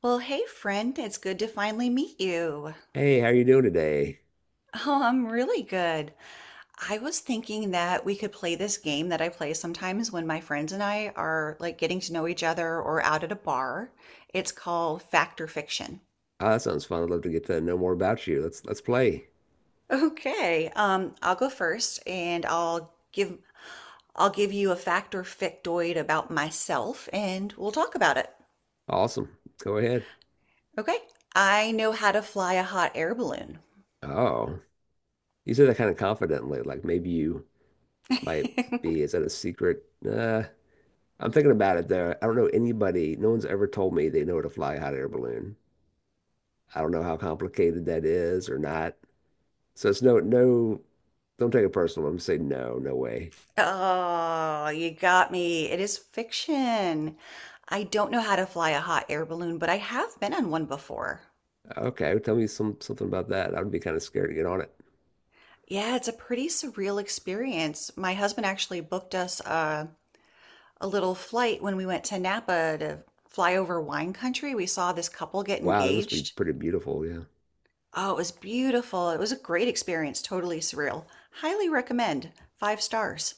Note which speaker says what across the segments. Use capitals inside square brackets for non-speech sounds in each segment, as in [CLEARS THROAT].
Speaker 1: Well, hey, friend, it's good to finally meet you.
Speaker 2: Hey, how you doing today?
Speaker 1: Oh, I'm really good. I was thinking that we could play this game that I play sometimes when my friends and I are like getting to know each other or out at a bar. It's called Fact or Fiction. [LAUGHS]
Speaker 2: Oh, that sounds fun. I'd love to get to know more about you. Let's play.
Speaker 1: Okay. I'll go first and I'll give you a fact or factoid about myself and we'll talk about it.
Speaker 2: Awesome. Go ahead.
Speaker 1: Okay. I know how to fly a hot air balloon.
Speaker 2: Oh, you said that kind of confidently, like maybe you might
Speaker 1: [LAUGHS]
Speaker 2: be. Is that a secret? I'm thinking about it though. I don't know anybody. No one's ever told me they know how to fly a hot air balloon. I don't know how complicated that is or not. So it's no, no. Don't take it personal. I'm just saying no, no way.
Speaker 1: Oh, you got me. It is fiction. I don't know how to fly a hot air balloon, but I have been on one before.
Speaker 2: Okay, tell me something about that. I would be kind of scared to get on it.
Speaker 1: Yeah, it's a pretty surreal experience. My husband actually booked us a little flight when we went to Napa to fly over wine country. We saw this couple get
Speaker 2: Wow, that must be
Speaker 1: engaged.
Speaker 2: pretty beautiful. Yeah.
Speaker 1: Oh, it was beautiful. It was a great experience, totally surreal. Highly recommend. Five stars.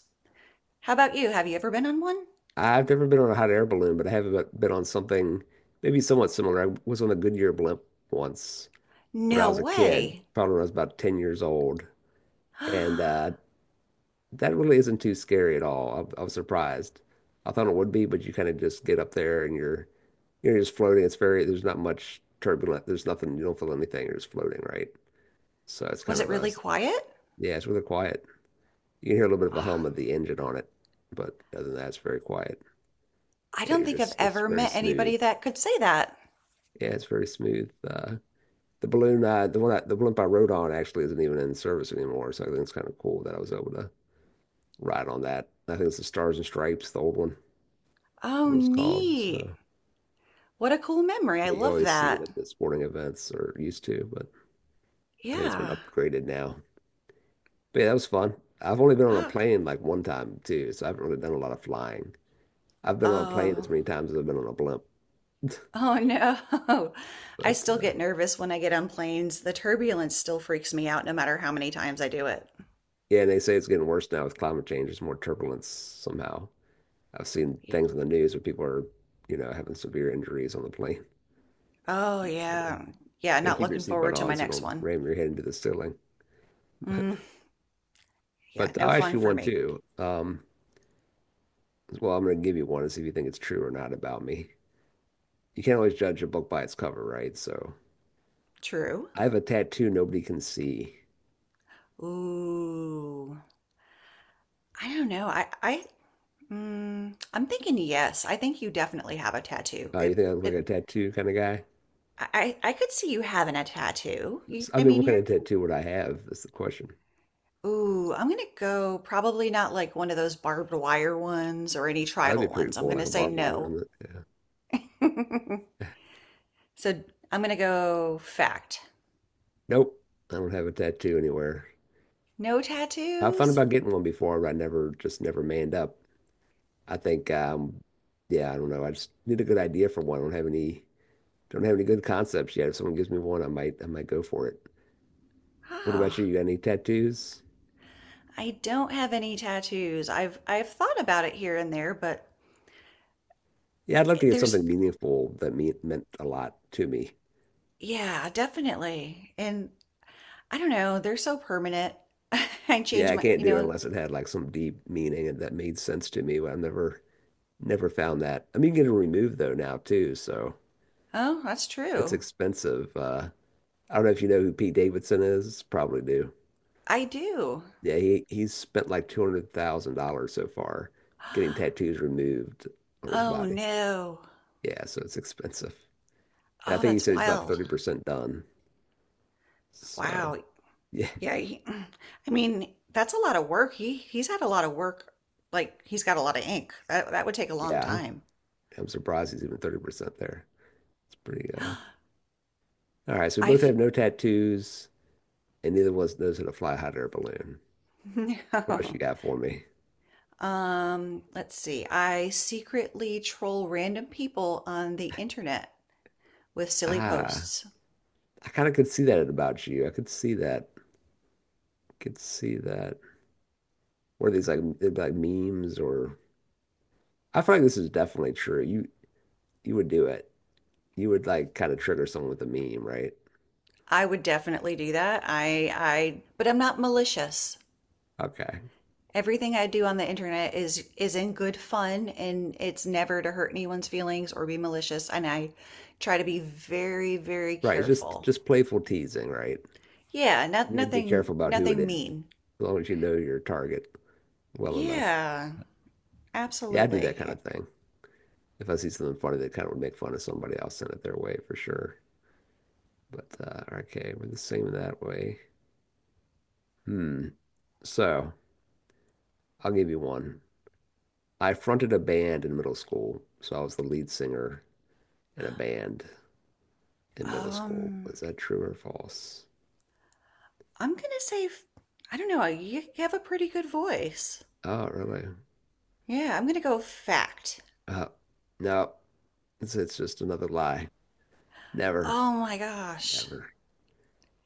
Speaker 1: How about you? Have you ever been on one?
Speaker 2: I've never been on a hot air balloon, but I have been on something maybe somewhat similar. I was on a Goodyear blimp once when I
Speaker 1: No
Speaker 2: was a kid,
Speaker 1: way.
Speaker 2: probably when I was about 10 years old. And
Speaker 1: [GASPS]
Speaker 2: uh, that really isn't too scary at all. I was surprised. I thought it would be, but you kind of just get up there and you're just floating. There's not much turbulent. There's nothing, you don't feel anything. You're just floating, right? So it's
Speaker 1: Was
Speaker 2: kind
Speaker 1: it
Speaker 2: of a,
Speaker 1: really quiet?
Speaker 2: Yeah, it's really quiet. You can hear a little bit of a
Speaker 1: Ah,
Speaker 2: hum of the engine on it, but other than that, it's very quiet
Speaker 1: I
Speaker 2: and
Speaker 1: don't think I've
Speaker 2: it's
Speaker 1: ever
Speaker 2: very
Speaker 1: met
Speaker 2: smooth.
Speaker 1: anybody that could say that.
Speaker 2: Yeah, it's very smooth. The balloon, the one I, the blimp I rode on actually isn't even in service anymore, so I think it's kind of cool that I was able to ride on that. I think it's the Stars and Stripes, the old one, it
Speaker 1: Oh,
Speaker 2: was called. So
Speaker 1: neat. What a cool memory. I
Speaker 2: yeah, you
Speaker 1: love
Speaker 2: always see it
Speaker 1: that.
Speaker 2: at the sporting events or used to, but I think it's been
Speaker 1: Yeah.
Speaker 2: upgraded now. But yeah, that was fun. I've only been on a
Speaker 1: Ah.
Speaker 2: plane like one time too, so I haven't really done a lot of flying. I've been on a plane as
Speaker 1: Oh.
Speaker 2: many times as I've been on a blimp. [LAUGHS]
Speaker 1: Oh no. [LAUGHS] I
Speaker 2: But
Speaker 1: still get nervous when I get on planes. The turbulence still freaks me out no matter how many times I do it.
Speaker 2: yeah, and they say it's getting worse now with climate change. There's more turbulence somehow. I've seen
Speaker 1: Y-
Speaker 2: things on the news where people are having severe injuries on the plane.
Speaker 1: Oh
Speaker 2: You know, you
Speaker 1: yeah. Yeah,
Speaker 2: gotta
Speaker 1: not
Speaker 2: keep your
Speaker 1: looking forward
Speaker 2: seatbelt
Speaker 1: to
Speaker 2: on
Speaker 1: my
Speaker 2: so you
Speaker 1: next
Speaker 2: don't
Speaker 1: one.
Speaker 2: ram your head into the ceiling. [LAUGHS]
Speaker 1: Mm, yeah,
Speaker 2: But
Speaker 1: no
Speaker 2: I'll ask
Speaker 1: fun
Speaker 2: you
Speaker 1: for
Speaker 2: one
Speaker 1: me.
Speaker 2: too. Well, I'm gonna give you one and see if you think it's true or not about me. You can't always judge a book by its cover, right? So
Speaker 1: True.
Speaker 2: I have a tattoo nobody can see.
Speaker 1: Ooh. I don't know. I Mm, I'm thinking yes. I think you definitely have a tattoo.
Speaker 2: You think
Speaker 1: It
Speaker 2: I look like a
Speaker 1: it
Speaker 2: tattoo kind of guy?
Speaker 1: I could see you having a tattoo. You,
Speaker 2: I
Speaker 1: I
Speaker 2: mean,
Speaker 1: mean,
Speaker 2: what kind of
Speaker 1: you're
Speaker 2: tattoo would I have? That's the question.
Speaker 1: ooh, I'm gonna go probably not like one of those barbed wire ones or any
Speaker 2: Oh, that'd
Speaker 1: tribal
Speaker 2: be pretty
Speaker 1: ones. I'm
Speaker 2: cool, like
Speaker 1: gonna
Speaker 2: a
Speaker 1: say
Speaker 2: barbed wire
Speaker 1: no.
Speaker 2: around it. Yeah.
Speaker 1: [LAUGHS] So I'm gonna go fact.
Speaker 2: Nope, I don't have a tattoo anywhere.
Speaker 1: No
Speaker 2: I've thought
Speaker 1: tattoos?
Speaker 2: about getting one before, but I never just never manned up. I think yeah, I don't know. I just need a good idea for one. I don't have any good concepts yet. If someone gives me one, I might go for it. What about you?
Speaker 1: Ah,
Speaker 2: You got any tattoos?
Speaker 1: I don't have any tattoos. I've thought about it here and there, but
Speaker 2: Yeah, I'd love
Speaker 1: eh,
Speaker 2: to get
Speaker 1: there's
Speaker 2: something meaningful that meant a lot to me.
Speaker 1: yeah, definitely. And I don't know, they're so permanent. [LAUGHS] I
Speaker 2: Yeah,
Speaker 1: change
Speaker 2: I
Speaker 1: my
Speaker 2: can't do it unless it had like some deep meaning and that made sense to me, but I've never found that. I mean, you can get it removed though now too, so
Speaker 1: oh, that's
Speaker 2: it's
Speaker 1: true.
Speaker 2: expensive. I don't know if you know who Pete Davidson is. Probably do.
Speaker 1: I do.
Speaker 2: Yeah, he's spent like $200,000 so far getting
Speaker 1: [GASPS]
Speaker 2: tattoos removed on his
Speaker 1: Oh,
Speaker 2: body.
Speaker 1: no.
Speaker 2: Yeah, so it's expensive. And I
Speaker 1: Oh,
Speaker 2: think he
Speaker 1: that's
Speaker 2: said he's about
Speaker 1: wild.
Speaker 2: 30% done. So,
Speaker 1: Wow.
Speaker 2: yeah.
Speaker 1: Yeah, he, [CLEARS THROAT] I mean, that's a lot of work. He he's had a lot of work. Like, he's got a lot of ink. That that would take a long
Speaker 2: Yeah.
Speaker 1: time.
Speaker 2: I'm surprised he's even 30% there. It's pretty
Speaker 1: [GASPS]
Speaker 2: All right, so we both
Speaker 1: I've
Speaker 2: have no tattoos and neither of us knows how to fly a hot air balloon.
Speaker 1: [LAUGHS] no.
Speaker 2: What else you got for me?
Speaker 1: Let's see. I secretly troll random people on the internet with silly
Speaker 2: Ah,
Speaker 1: posts.
Speaker 2: I kind of could see that about you. I could see that. Could see that. What are these like, they'd be like memes, or I feel like this is definitely true. You would do it. You would like kind of trigger someone with a meme, right?
Speaker 1: I would definitely do that. I but I'm not malicious.
Speaker 2: Okay.
Speaker 1: Everything I do on the internet is in good fun and it's never to hurt anyone's feelings or be malicious and I try to be very
Speaker 2: Right. It's just
Speaker 1: careful.
Speaker 2: just playful teasing, right?
Speaker 1: Yeah, not
Speaker 2: You had to be
Speaker 1: nothing
Speaker 2: careful about who it
Speaker 1: nothing
Speaker 2: is,
Speaker 1: mean.
Speaker 2: as long as you know your target well enough.
Speaker 1: Yeah,
Speaker 2: Yeah, I do that kind
Speaker 1: absolutely.
Speaker 2: of thing. If I see something funny that kind of would make fun of somebody, I'll send it their way for sure. But okay, we're the same that way. Hmm. So I'll give you one. I fronted a band in middle school, so I was the lead singer in a band in middle school.
Speaker 1: Um
Speaker 2: Was that true or false?
Speaker 1: I'm going to say I don't know, you have a pretty good voice.
Speaker 2: Oh, really?
Speaker 1: Yeah, I'm going to go fact.
Speaker 2: Uh, no, it's just another lie. Never,
Speaker 1: Oh my gosh.
Speaker 2: never.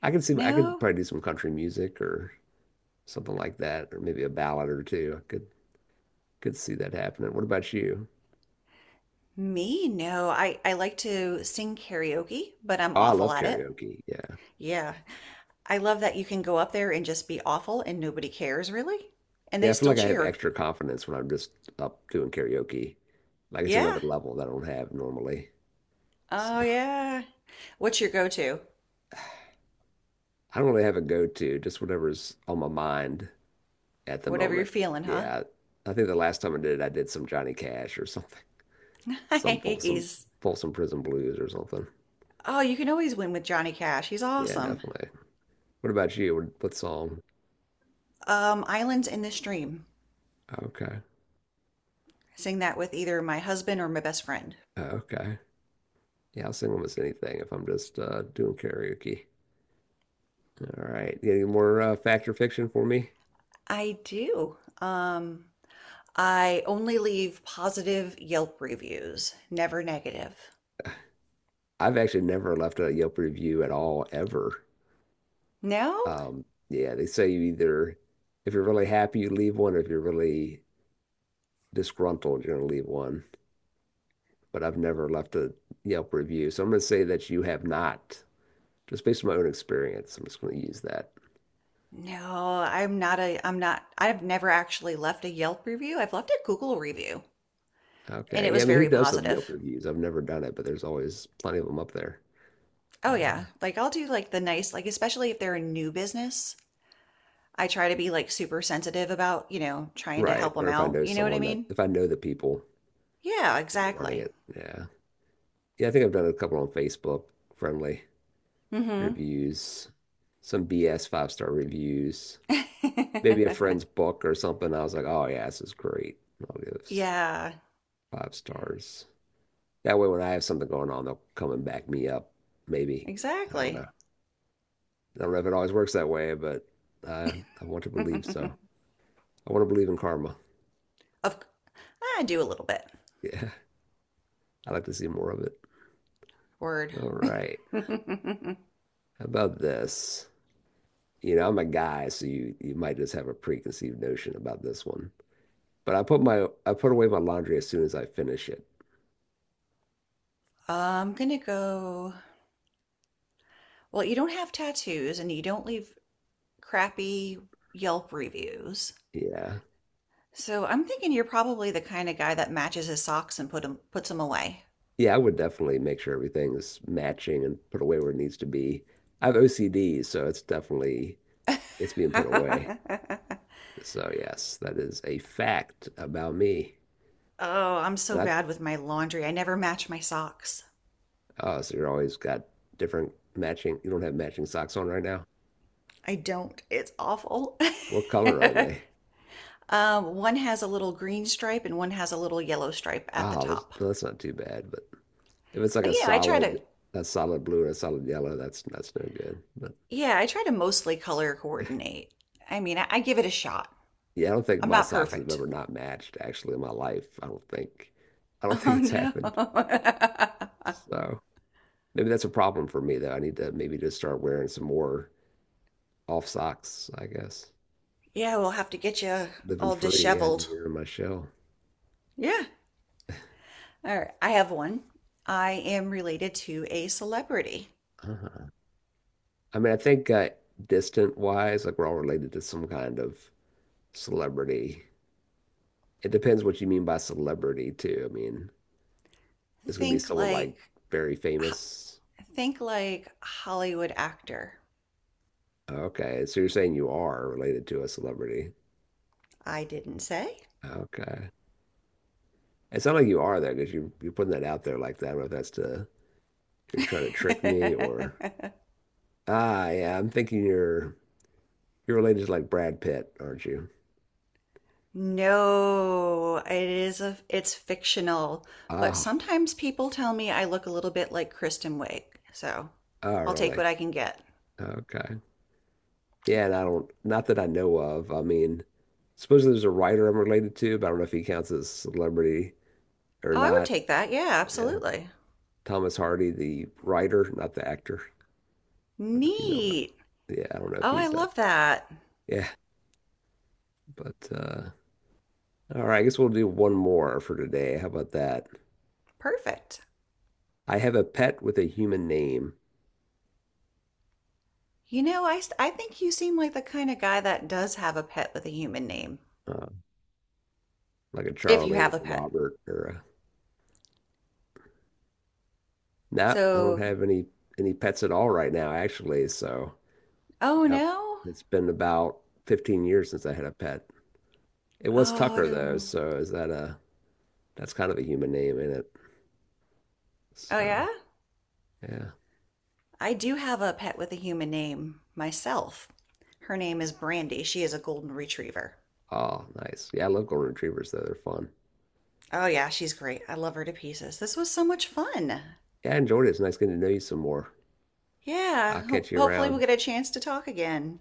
Speaker 2: I could
Speaker 1: No,
Speaker 2: probably do some country music or something like that, or maybe a ballad or two. I could see that happening. What about you?
Speaker 1: Me? No. I like to sing karaoke, but I'm
Speaker 2: Oh, I
Speaker 1: awful
Speaker 2: love
Speaker 1: at it.
Speaker 2: karaoke. Yeah.
Speaker 1: Yeah. I love that you can go up there and just be awful and nobody cares really, and
Speaker 2: Yeah,
Speaker 1: they
Speaker 2: I feel
Speaker 1: still
Speaker 2: like I have
Speaker 1: cheer.
Speaker 2: extra confidence when I'm just up doing karaoke. Like it's
Speaker 1: Yeah.
Speaker 2: another level that I don't have normally. So
Speaker 1: Oh yeah. What's your go-to?
Speaker 2: I don't really have a go-to, just whatever's on my mind at the
Speaker 1: Whatever you're
Speaker 2: moment.
Speaker 1: feeling, huh? [LAUGHS]
Speaker 2: Yeah. I think the last time I did it, I did some Johnny Cash or something. Some Folsom
Speaker 1: Nice.
Speaker 2: Folsom Prison Blues or something.
Speaker 1: Oh, you can always win with Johnny Cash. He's
Speaker 2: Yeah,
Speaker 1: awesome.
Speaker 2: definitely. What about you? What song?
Speaker 1: Islands in the Stream.
Speaker 2: Okay.
Speaker 1: Sing that with either my husband or my best friend.
Speaker 2: Okay. Yeah, I'll sing almost anything if I'm just doing karaoke. All right. You got any more fact or fiction for me?
Speaker 1: I do. I only leave positive Yelp reviews, never negative.
Speaker 2: I've actually never left a Yelp review at all, ever.
Speaker 1: No?
Speaker 2: Yeah, they say you either, if you're really happy, you leave one, or if you're really disgruntled, you're going to leave one. But I've never left a Yelp review. So I'm going to say that you have not, just based on my own experience. I'm just going to use that.
Speaker 1: No, I'm not, I've never actually left a Yelp review. I've left a Google review and
Speaker 2: Okay.
Speaker 1: it
Speaker 2: Yeah, I
Speaker 1: was
Speaker 2: mean, who
Speaker 1: very
Speaker 2: does the Yelp
Speaker 1: positive.
Speaker 2: reviews? I've never done it, but there's always plenty of them up there. I
Speaker 1: Oh
Speaker 2: don't
Speaker 1: yeah.
Speaker 2: know.
Speaker 1: Like I'll do like the nice like especially if they're a new business, I try to be like super sensitive about, you know, trying to help
Speaker 2: Right. Or
Speaker 1: them
Speaker 2: if I
Speaker 1: out.
Speaker 2: know
Speaker 1: You know what I
Speaker 2: someone that,
Speaker 1: mean?
Speaker 2: if I know the people
Speaker 1: Yeah,
Speaker 2: that are running
Speaker 1: exactly.
Speaker 2: it. Yeah. Yeah, I think I've done a couple on Facebook, friendly
Speaker 1: Mhm.
Speaker 2: reviews, some BS five star reviews, maybe a friend's
Speaker 1: [LAUGHS]
Speaker 2: book or something. I was like, oh, yeah, this is great. I'll give this
Speaker 1: Yeah,
Speaker 2: five stars. That way, when I have something going on, they'll come and back me up, maybe. I don't
Speaker 1: exactly.
Speaker 2: know. I don't know if it always works that way, but I, I want to believe so.
Speaker 1: [LAUGHS]
Speaker 2: I want to believe in karma.
Speaker 1: Of I do a little bit.
Speaker 2: Yeah, [LAUGHS] I'd like to see more of it.
Speaker 1: Word.
Speaker 2: All right.
Speaker 1: [LAUGHS] I'm
Speaker 2: How about this? I'm a guy, so you might just have a preconceived notion about this one. But I put away my laundry as soon as I finish it.
Speaker 1: gonna go. Well, you don't have tattoos and you don't live crappy Yelp reviews.
Speaker 2: Yeah.
Speaker 1: So I'm thinking you're probably the kind of guy that matches his socks and puts them away.
Speaker 2: Yeah, I would definitely make sure everything is matching and put away where it needs to be. I have OCD, so it's definitely it's being put away.
Speaker 1: [LAUGHS]
Speaker 2: So yes, that is a fact about me.
Speaker 1: Oh, I'm so
Speaker 2: And I
Speaker 1: bad with my laundry. I never match my socks.
Speaker 2: oh, so you're always got different matching. You don't have matching socks on right now.
Speaker 1: I don't. It's awful.
Speaker 2: What color are they?
Speaker 1: [LAUGHS] One has a little green stripe and one has a little yellow stripe at the
Speaker 2: Oh, that's
Speaker 1: top.
Speaker 2: well, that's not too bad. But if it's like
Speaker 1: But
Speaker 2: a
Speaker 1: yeah, I try
Speaker 2: solid,
Speaker 1: to
Speaker 2: a solid blue or a solid yellow, that's no good. But
Speaker 1: yeah, I try to mostly color coordinate. I mean, I give it a shot.
Speaker 2: yeah, I don't think
Speaker 1: I'm
Speaker 2: my
Speaker 1: not
Speaker 2: socks have
Speaker 1: perfect.
Speaker 2: ever not matched actually in my life. I don't [LAUGHS] think
Speaker 1: Oh
Speaker 2: it's
Speaker 1: no.
Speaker 2: happened.
Speaker 1: [LAUGHS]
Speaker 2: So maybe that's a problem for me though. I need to maybe just start wearing some more off socks, I guess.
Speaker 1: Yeah, we'll have to get you
Speaker 2: Living
Speaker 1: all
Speaker 2: free, yeah, and
Speaker 1: disheveled.
Speaker 2: you in my shell.
Speaker 1: Yeah. All right. I have one. I am related to a celebrity.
Speaker 2: Uh-huh. I mean, I think distant wise, like we're all related to some kind of celebrity. It depends what you mean by celebrity too. I mean. It's gonna be
Speaker 1: Think
Speaker 2: someone like
Speaker 1: like,
Speaker 2: very famous.
Speaker 1: think like Hollywood actor.
Speaker 2: Okay, so you're saying you are related to a celebrity.
Speaker 1: I didn't say.
Speaker 2: Okay. It sounds like you are there because you're putting that out there like that. I don't know if that's to, you're trying to trick me, or
Speaker 1: [LAUGHS]
Speaker 2: yeah, I'm thinking you're related to like Brad Pitt, aren't you?
Speaker 1: No, it is it's fictional, but
Speaker 2: Ah,
Speaker 1: sometimes people tell me I look a little bit like Kristen Wiig. So,
Speaker 2: oh
Speaker 1: I'll take
Speaker 2: really?
Speaker 1: what I can get.
Speaker 2: Okay. Yeah, and I don't, not that I know of. I mean, supposedly there's a writer I'm related to, but I don't know if he counts as celebrity or
Speaker 1: Oh, I would
Speaker 2: not.
Speaker 1: take that. Yeah,
Speaker 2: Yeah.
Speaker 1: absolutely.
Speaker 2: Thomas Hardy, the writer, not the actor. Don't know if you know about.
Speaker 1: Neat.
Speaker 2: Yeah, I don't know if
Speaker 1: Oh, I
Speaker 2: he's that.
Speaker 1: love that.
Speaker 2: Yeah, but all right. I guess we'll do one more for today. How about that?
Speaker 1: Perfect.
Speaker 2: I have a pet with a human name,
Speaker 1: You know, I think you seem like the kind of guy that does have a pet with a human name,
Speaker 2: uh, like a
Speaker 1: if you
Speaker 2: Charlie
Speaker 1: have
Speaker 2: or
Speaker 1: a
Speaker 2: a
Speaker 1: pet.
Speaker 2: Robert or a. Nah, I don't
Speaker 1: So,
Speaker 2: have any pets at all right now, actually. So,
Speaker 1: oh
Speaker 2: yep,
Speaker 1: no?
Speaker 2: it's been about 15 years since I had a pet. It was Tucker though,
Speaker 1: Oh,
Speaker 2: so is that a that's kind of a human name in it.
Speaker 1: oh
Speaker 2: So,
Speaker 1: yeah?
Speaker 2: yeah.
Speaker 1: I do have a pet with a human name myself. Her name is Brandy. She is a golden retriever.
Speaker 2: Oh, nice. Yeah, I love golden retrievers though. They're fun.
Speaker 1: Oh yeah, she's great. I love her to pieces. This was so much fun.
Speaker 2: Yeah, I enjoyed it. It's nice getting to know you some more. I'll
Speaker 1: Yeah,
Speaker 2: catch you
Speaker 1: hopefully we'll
Speaker 2: around.
Speaker 1: get a chance to talk again.